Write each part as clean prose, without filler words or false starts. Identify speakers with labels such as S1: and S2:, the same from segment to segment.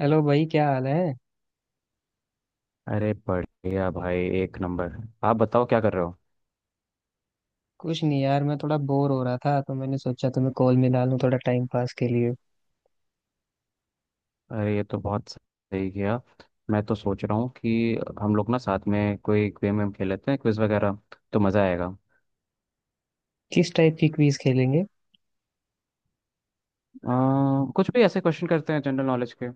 S1: Hello भाई, क्या हाल है।
S2: अरे बढ़िया भाई, एक नंबर। आप बताओ क्या कर रहे हो?
S1: कुछ नहीं यार, मैं थोड़ा बोर हो रहा था तो मैंने सोचा तुम्हें कॉल मिला लूं, थोड़ा टाइम पास के लिए।
S2: अरे ये तो बहुत सही किया। मैं तो सोच रहा हूँ कि हम लोग ना साथ में कोई गेम वेम खेल लेते हैं, क्विज वगैरह, तो मज़ा आएगा।
S1: किस टाइप की क्विज खेलेंगे?
S2: कुछ भी ऐसे क्वेश्चन करते हैं जनरल नॉलेज के।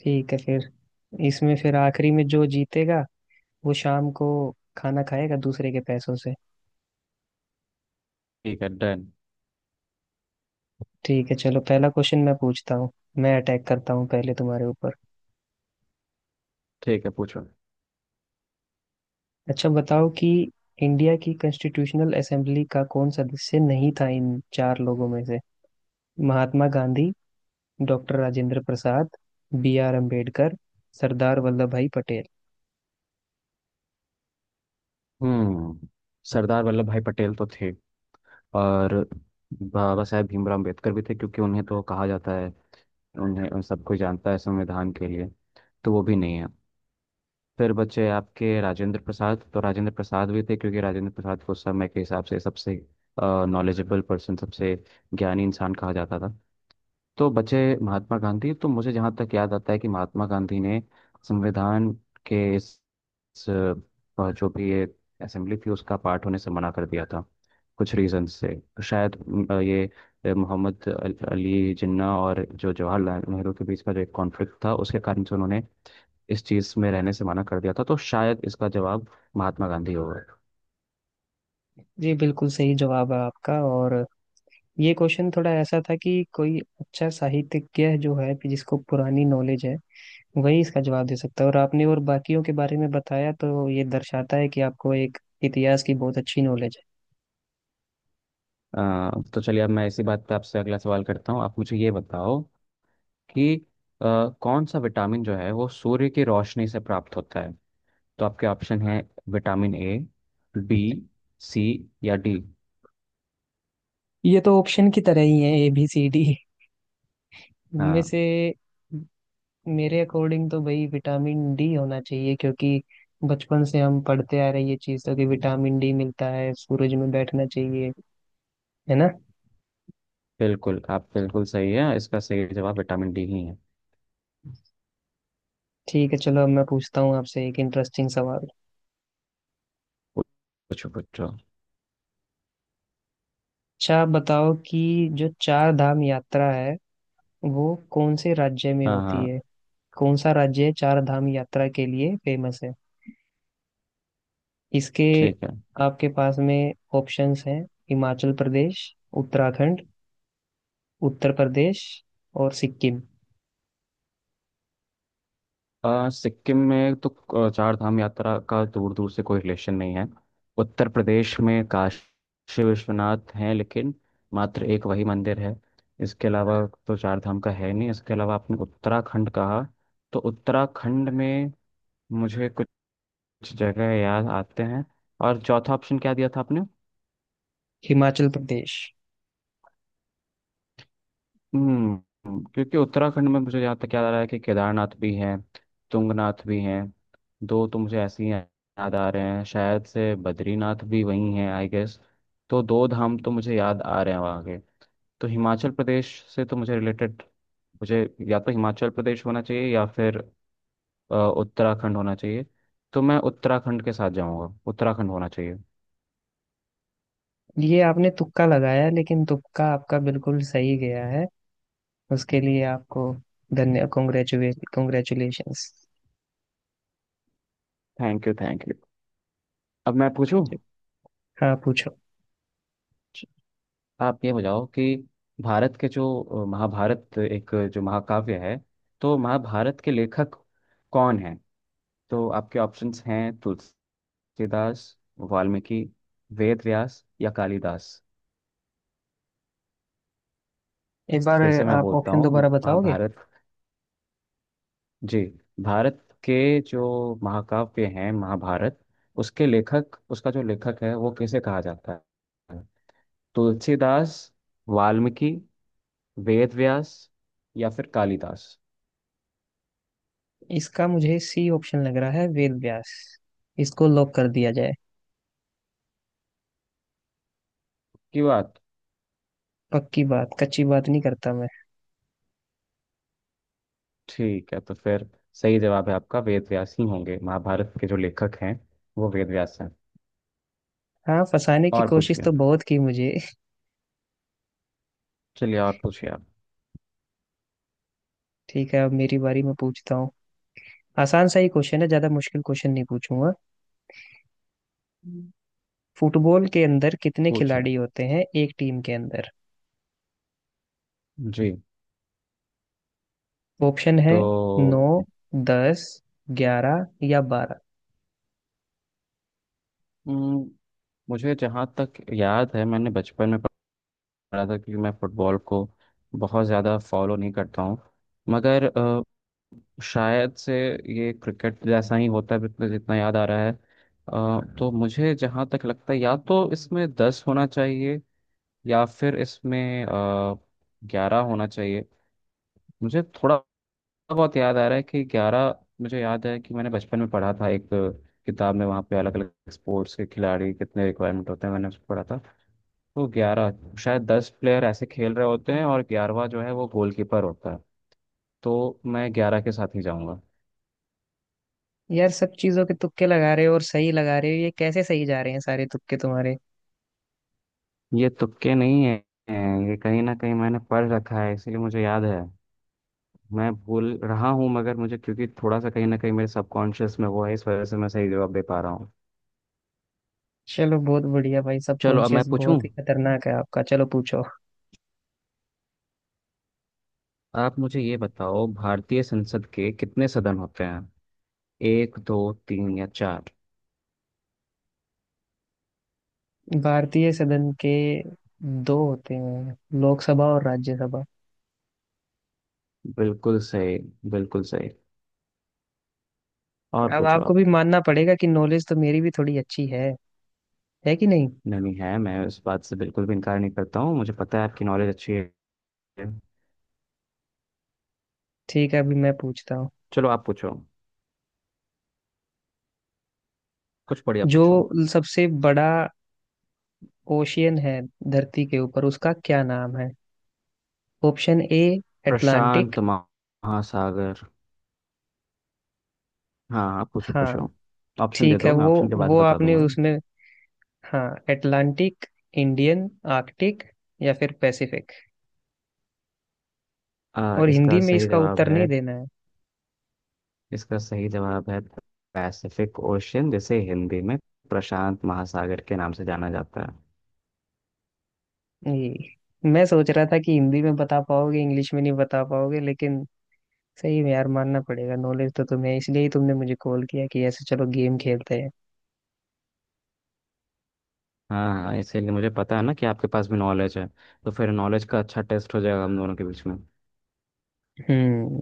S1: ठीक है फिर, इसमें फिर आखिरी में जो जीतेगा वो शाम को खाना खाएगा दूसरे के पैसों से।
S2: ठीक है, डन।
S1: ठीक है, चलो पहला क्वेश्चन मैं पूछता हूँ। मैं अटैक करता हूँ पहले तुम्हारे ऊपर।
S2: ठीक है, पूछो।
S1: अच्छा बताओ कि इंडिया की कॉन्स्टिट्यूशनल असेंबली का कौन सदस्य नहीं था इन चार लोगों में से। Mahatma Gandhi, doctor Rajendra Prasad, B R Ambedkar, Sardar Vallabh Bhai Patel.
S2: हम्म। सरदार वल्लभ भाई पटेल तो थे, और बाबा साहेब भीमराव अम्बेडकर भी थे, क्योंकि उन्हें तो कहा जाता है, उन्हें उन सबको जानता है संविधान के लिए। तो वो भी नहीं है। फिर बचे आपके राजेंद्र प्रसाद, तो राजेंद्र प्रसाद भी थे क्योंकि राजेंद्र प्रसाद को उस समय के हिसाब से सबसे नॉलेजेबल पर्सन, सबसे ज्ञानी इंसान कहा जाता था। तो बचे महात्मा गांधी। तो मुझे जहाँ तक याद आता है कि महात्मा गांधी ने संविधान के इस, जो भी ये असेंबली थी, उसका पार्ट होने से मना कर दिया था, कुछ रीजन से। शायद ये मोहम्मद अली जिन्ना और जो जवाहरलाल नेहरू के बीच का जो एक कॉन्फ्लिक्ट था, उसके कारण से उन्होंने इस चीज़ में रहने से मना कर दिया था। तो शायद इसका जवाब महात्मा गांधी होगा।
S1: जी बिल्कुल सही जवाब है आपका। और ये क्वेश्चन थोड़ा ऐसा था कि कोई अच्छा साहित्यज्ञ जो है कि जिसको पुरानी नॉलेज है, वही इसका जवाब दे सकता है। और आपने और बाकियों के बारे में बताया तो ये दर्शाता है कि आपको एक इतिहास की बहुत अच्छी नॉलेज है।
S2: तो चलिए अब मैं इसी बात पे आपसे अगला सवाल करता हूँ। आप मुझे ये बताओ कि अ, कौन सा विटामिन जो है वो सूर्य की रोशनी से प्राप्त होता है। तो आपके ऑप्शन है विटामिन ए, बी, सी या डी।
S1: ये तो ऑप्शन की तरह ही है, ए बी सी डी इनमें
S2: हाँ।
S1: से। मेरे अकॉर्डिंग तो भाई विटामिन डी होना चाहिए, क्योंकि बचपन से हम पढ़ते आ रहे हैं ये चीज़ तो, कि विटामिन डी मिलता है, सूरज में बैठना चाहिए। है ना?
S2: बिल्कुल, आप बिल्कुल सही है। इसका सही जवाब विटामिन डी ही है।
S1: ठीक है, चलो अब मैं पूछता हूँ आपसे एक इंटरेस्टिंग सवाल।
S2: पूछो पूछो।
S1: अच्छा आप बताओ कि जो चार धाम यात्रा है वो कौन से राज्य में
S2: हाँ
S1: होती
S2: हाँ।
S1: है। कौन सा राज्य है चार धाम यात्रा के लिए फेमस है? इसके
S2: ठीक है।
S1: आपके पास में ऑप्शंस हैं, हिमाचल प्रदेश, उत्तराखंड, उत्तर प्रदेश और सिक्किम।
S2: सिक्किम में तो चार धाम यात्रा का दूर दूर से कोई रिलेशन नहीं है। उत्तर प्रदेश में काशी विश्वनाथ हैं लेकिन मात्र एक वही मंदिर है, इसके अलावा तो चार धाम का है नहीं। इसके अलावा आपने उत्तराखंड कहा, तो उत्तराखंड में मुझे कुछ जगह याद आते हैं। और चौथा ऑप्शन क्या दिया था आपने?
S1: हिमाचल प्रदेश।
S2: हम्म, क्योंकि उत्तराखंड में मुझे जहाँ तक याद आ रहा है कि केदारनाथ भी हैं, तुंगनाथ भी हैं। दो तो मुझे ऐसे ही याद आ रहे हैं, शायद से बद्रीनाथ भी वहीं हैं आई गेस। तो दो धाम तो मुझे याद आ रहे हैं वहाँ के। तो हिमाचल प्रदेश से तो मुझे रिलेटेड मुझे, या तो हिमाचल प्रदेश होना चाहिए या फिर उत्तराखंड होना चाहिए। तो मैं उत्तराखंड के साथ जाऊँगा, उत्तराखंड होना चाहिए।
S1: ये आपने तुक्का लगाया, लेकिन तुक्का आपका बिल्कुल सही गया है। उसके लिए आपको धन्य, congratulate, congratulations.
S2: Thank you thank you. अब मैं पूछूं।
S1: हाँ, पूछो।
S2: आप ये बताओ कि भारत के जो महाभारत, एक जो महाकाव्य है, तो महाभारत के लेखक कौन हैं? तो आपके ऑप्शंस हैं तुलसीदास, वाल्मीकि, वेद व्यास या कालिदास।
S1: एक बार
S2: फिर से मैं
S1: आप
S2: बोलता
S1: ऑप्शन
S2: हूँ,
S1: दोबारा बताओगे?
S2: महाभारत। जी, भारत के जो महाकाव्य हैं, महाभारत, उसके लेखक, उसका जो लेखक है वो किसे कहा जाता है? तुलसीदास, वाल्मीकि, वेद व्यास या फिर कालिदास।
S1: इसका मुझे सी ऑप्शन लग रहा है, वेद व्यास। इसको लॉक कर दिया जाए।
S2: की बात।
S1: पक्की बात, कच्ची बात नहीं करता मैं।
S2: ठीक है, तो फिर सही जवाब है आपका। वेद व्यास ही होंगे महाभारत के जो लेखक हैं, वो वेद व्यास हैं।
S1: हाँ, फंसाने की
S2: और
S1: कोशिश
S2: पूछिए,
S1: तो बहुत की मुझे।
S2: चलिए और पूछिए आप।
S1: ठीक है, अब मेरी बारी, मैं पूछता हूँ। आसान सा ही क्वेश्चन है, ज्यादा मुश्किल क्वेश्चन नहीं पूछूंगा।
S2: हम्म।
S1: फुटबॉल के अंदर कितने
S2: पूछिए।
S1: खिलाड़ी होते हैं एक टीम के अंदर?
S2: जी।
S1: ऑप्शन है, नौ,
S2: तो
S1: दस, ग्यारह या बारह।
S2: हम्म, मुझे जहाँ तक याद है मैंने बचपन में पढ़ा था, क्योंकि मैं फुटबॉल को बहुत ज़्यादा फॉलो नहीं करता हूँ, मगर शायद से ये क्रिकेट जैसा ही होता है जितना जितना याद आ रहा है। तो मुझे जहाँ तक लगता है, या तो इसमें 10 होना चाहिए या फिर इसमें 11 होना चाहिए। मुझे थोड़ा बहुत याद आ रहा है कि 11। मुझे याद है कि मैंने बचपन में पढ़ा था एक किताब में, वहाँ पे अलग अलग स्पोर्ट्स के खिलाड़ी कितने रिक्वायरमेंट होते हैं, मैंने उसको पढ़ा था। तो 11, शायद 10 प्लेयर ऐसे खेल रहे होते हैं और ग्यारहवा जो है वो गोलकीपर होता है। तो मैं 11 के साथ ही जाऊंगा।
S1: यार, सब चीजों के तुक्के लगा रहे हो और सही लगा रहे हो। ये कैसे सही जा रहे हैं सारे तुक्के तुम्हारे?
S2: ये तुक्के नहीं है। ये कहीं ना कहीं मैंने पढ़ रखा है इसीलिए मुझे याद है। मैं भूल रहा हूँ मगर मुझे क्योंकि थोड़ा सा कहीं ना कहीं मेरे सबकॉन्शियस में वो है, इस वजह से मैं सही जवाब दे पा रहा हूँ।
S1: चलो बहुत बढ़िया भाई, सब
S2: चलो अब मैं
S1: कॉन्शियस
S2: पूछूं।
S1: बहुत ही खतरनाक है आपका। चलो पूछो।
S2: आप मुझे ये बताओ, भारतीय संसद के कितने सदन होते हैं? एक, दो, तीन या चार?
S1: भारतीय सदन के दो होते हैं, लोकसभा और राज्यसभा।
S2: बिल्कुल सही, बिल्कुल सही। और
S1: अब
S2: पूछो
S1: आपको
S2: आप।
S1: भी मानना पड़ेगा कि नॉलेज तो मेरी भी थोड़ी अच्छी है। है कि नहीं?
S2: नहीं है, मैं इस बात से बिल्कुल भी इनकार नहीं करता हूँ, मुझे पता है आपकी नॉलेज अच्छी है।
S1: ठीक है, अभी मैं पूछता हूँ।
S2: चलो आप पूछो, कुछ बढ़िया
S1: जो
S2: पूछो।
S1: सबसे बड़ा ओशियन है धरती के ऊपर, उसका क्या नाम है? Option A, Atlantic.
S2: प्रशांत महासागर। हाँ आप पूछो
S1: हाँ।
S2: पूछो। ऑप्शन दे
S1: ठीक है,
S2: दो, मैं
S1: वो
S2: ऑप्शन के बाद
S1: वो
S2: बता
S1: आपने
S2: दूंगा।
S1: उसमें। हाँ, अटलांटिक, इंडियन, आर्कटिक या फिर पैसिफिक। और
S2: इसका
S1: हिंदी में
S2: सही
S1: इसका
S2: जवाब
S1: उत्तर
S2: है,
S1: नहीं देना
S2: इसका सही जवाब है पैसिफिक ओशियन, जिसे हिंदी में प्रशांत महासागर के नाम से जाना जाता है।
S1: है। ये मैं सोच रहा था कि हिंदी में बता पाओगे, इंग्लिश में नहीं बता पाओगे, लेकिन सही में यार, मानना पड़ेगा नॉलेज तो तुम्हें है, इसलिए ही तुमने मुझे कॉल किया कि ऐसे चलो गेम खेलते हैं।
S2: हाँ हाँ, इसीलिए मुझे पता है ना कि आपके पास भी नॉलेज है, तो फिर नॉलेज का अच्छा टेस्ट हो जाएगा हम दोनों के बीच में।
S1: हम्म।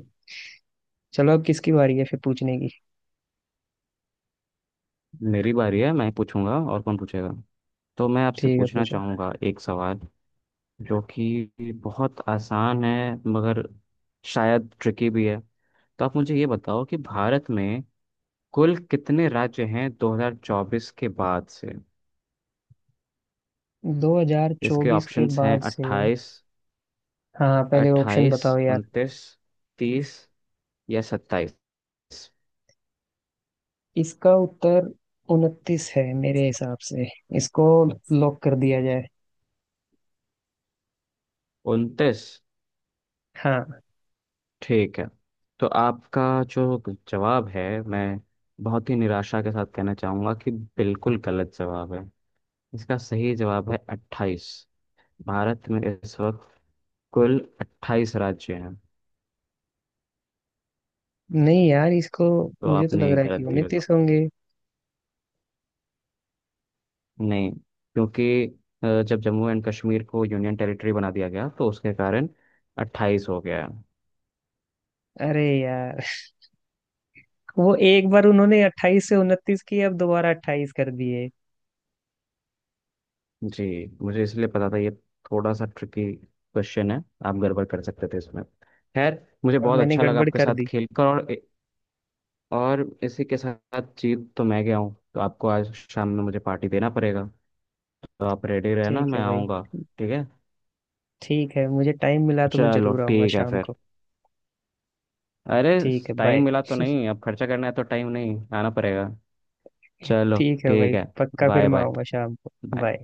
S1: चलो, अब किसकी बारी है फिर पूछने की?
S2: मेरी बारी है, मैं पूछूंगा और कौन पूछेगा। तो मैं आपसे
S1: ठीक है,
S2: पूछना
S1: पूछो।
S2: चाहूंगा एक सवाल जो कि बहुत आसान है मगर शायद ट्रिकी भी है। तो आप मुझे ये बताओ कि भारत में कुल कितने राज्य हैं 2024 के बाद से? इसके
S1: 2024 के
S2: ऑप्शंस हैं
S1: बाद से?
S2: 28,
S1: हाँ पहले ऑप्शन
S2: 28,
S1: बताओ यार।
S2: 29, 30 या 27।
S1: इसका उत्तर उनतीस है मेरे हिसाब से। इसको लॉक कर दिया जाए।
S2: 29?
S1: हाँ।
S2: ठीक है। तो आपका जो जवाब है, मैं बहुत ही निराशा के साथ कहना चाहूँगा कि बिल्कुल गलत जवाब है। इसका सही जवाब है 28। भारत में इस वक्त कुल 28 राज्य हैं।
S1: नहीं यार, इसको
S2: तो
S1: मुझे तो लग
S2: आपने
S1: रहा है कि
S2: गलत दिया।
S1: उनतीस होंगे।
S2: नहीं, क्योंकि जब जम्मू एंड कश्मीर को यूनियन टेरिटरी बना दिया गया, तो उसके कारण 28 हो गया है।
S1: अरे यार वो एक बार उन्होंने अट्ठाईस से उनतीस की, अब दोबारा अट्ठाईस कर दिए।
S2: जी, मुझे इसलिए पता था ये थोड़ा सा ट्रिकी क्वेश्चन है, आप गड़बड़ कर सकते थे इसमें। खैर, मुझे
S1: और
S2: बहुत
S1: मैंने
S2: अच्छा लगा
S1: गड़बड़
S2: आपके
S1: कर
S2: साथ
S1: दी।
S2: खेलकर। और इसी के साथ जीत तो मैं गया हूँ, तो आपको आज शाम में मुझे पार्टी देना पड़ेगा। तो आप रेडी रहना,
S1: ठीक है
S2: मैं
S1: भाई।
S2: आऊँगा। ठीक है।
S1: ठीक है, मुझे टाइम मिला तो मैं
S2: चलो
S1: जरूर आऊंगा
S2: ठीक है
S1: शाम
S2: फिर।
S1: को।
S2: अरे,
S1: ठीक है,
S2: टाइम
S1: बाय।
S2: मिला तो नहीं, अब खर्चा करना है तो टाइम नहीं आना पड़ेगा। चलो,
S1: ठीक है
S2: ठीक
S1: भाई,
S2: है।
S1: पक्का फिर
S2: बाय
S1: मैं
S2: बाय।
S1: आऊंगा शाम को। बाय।
S2: बाय।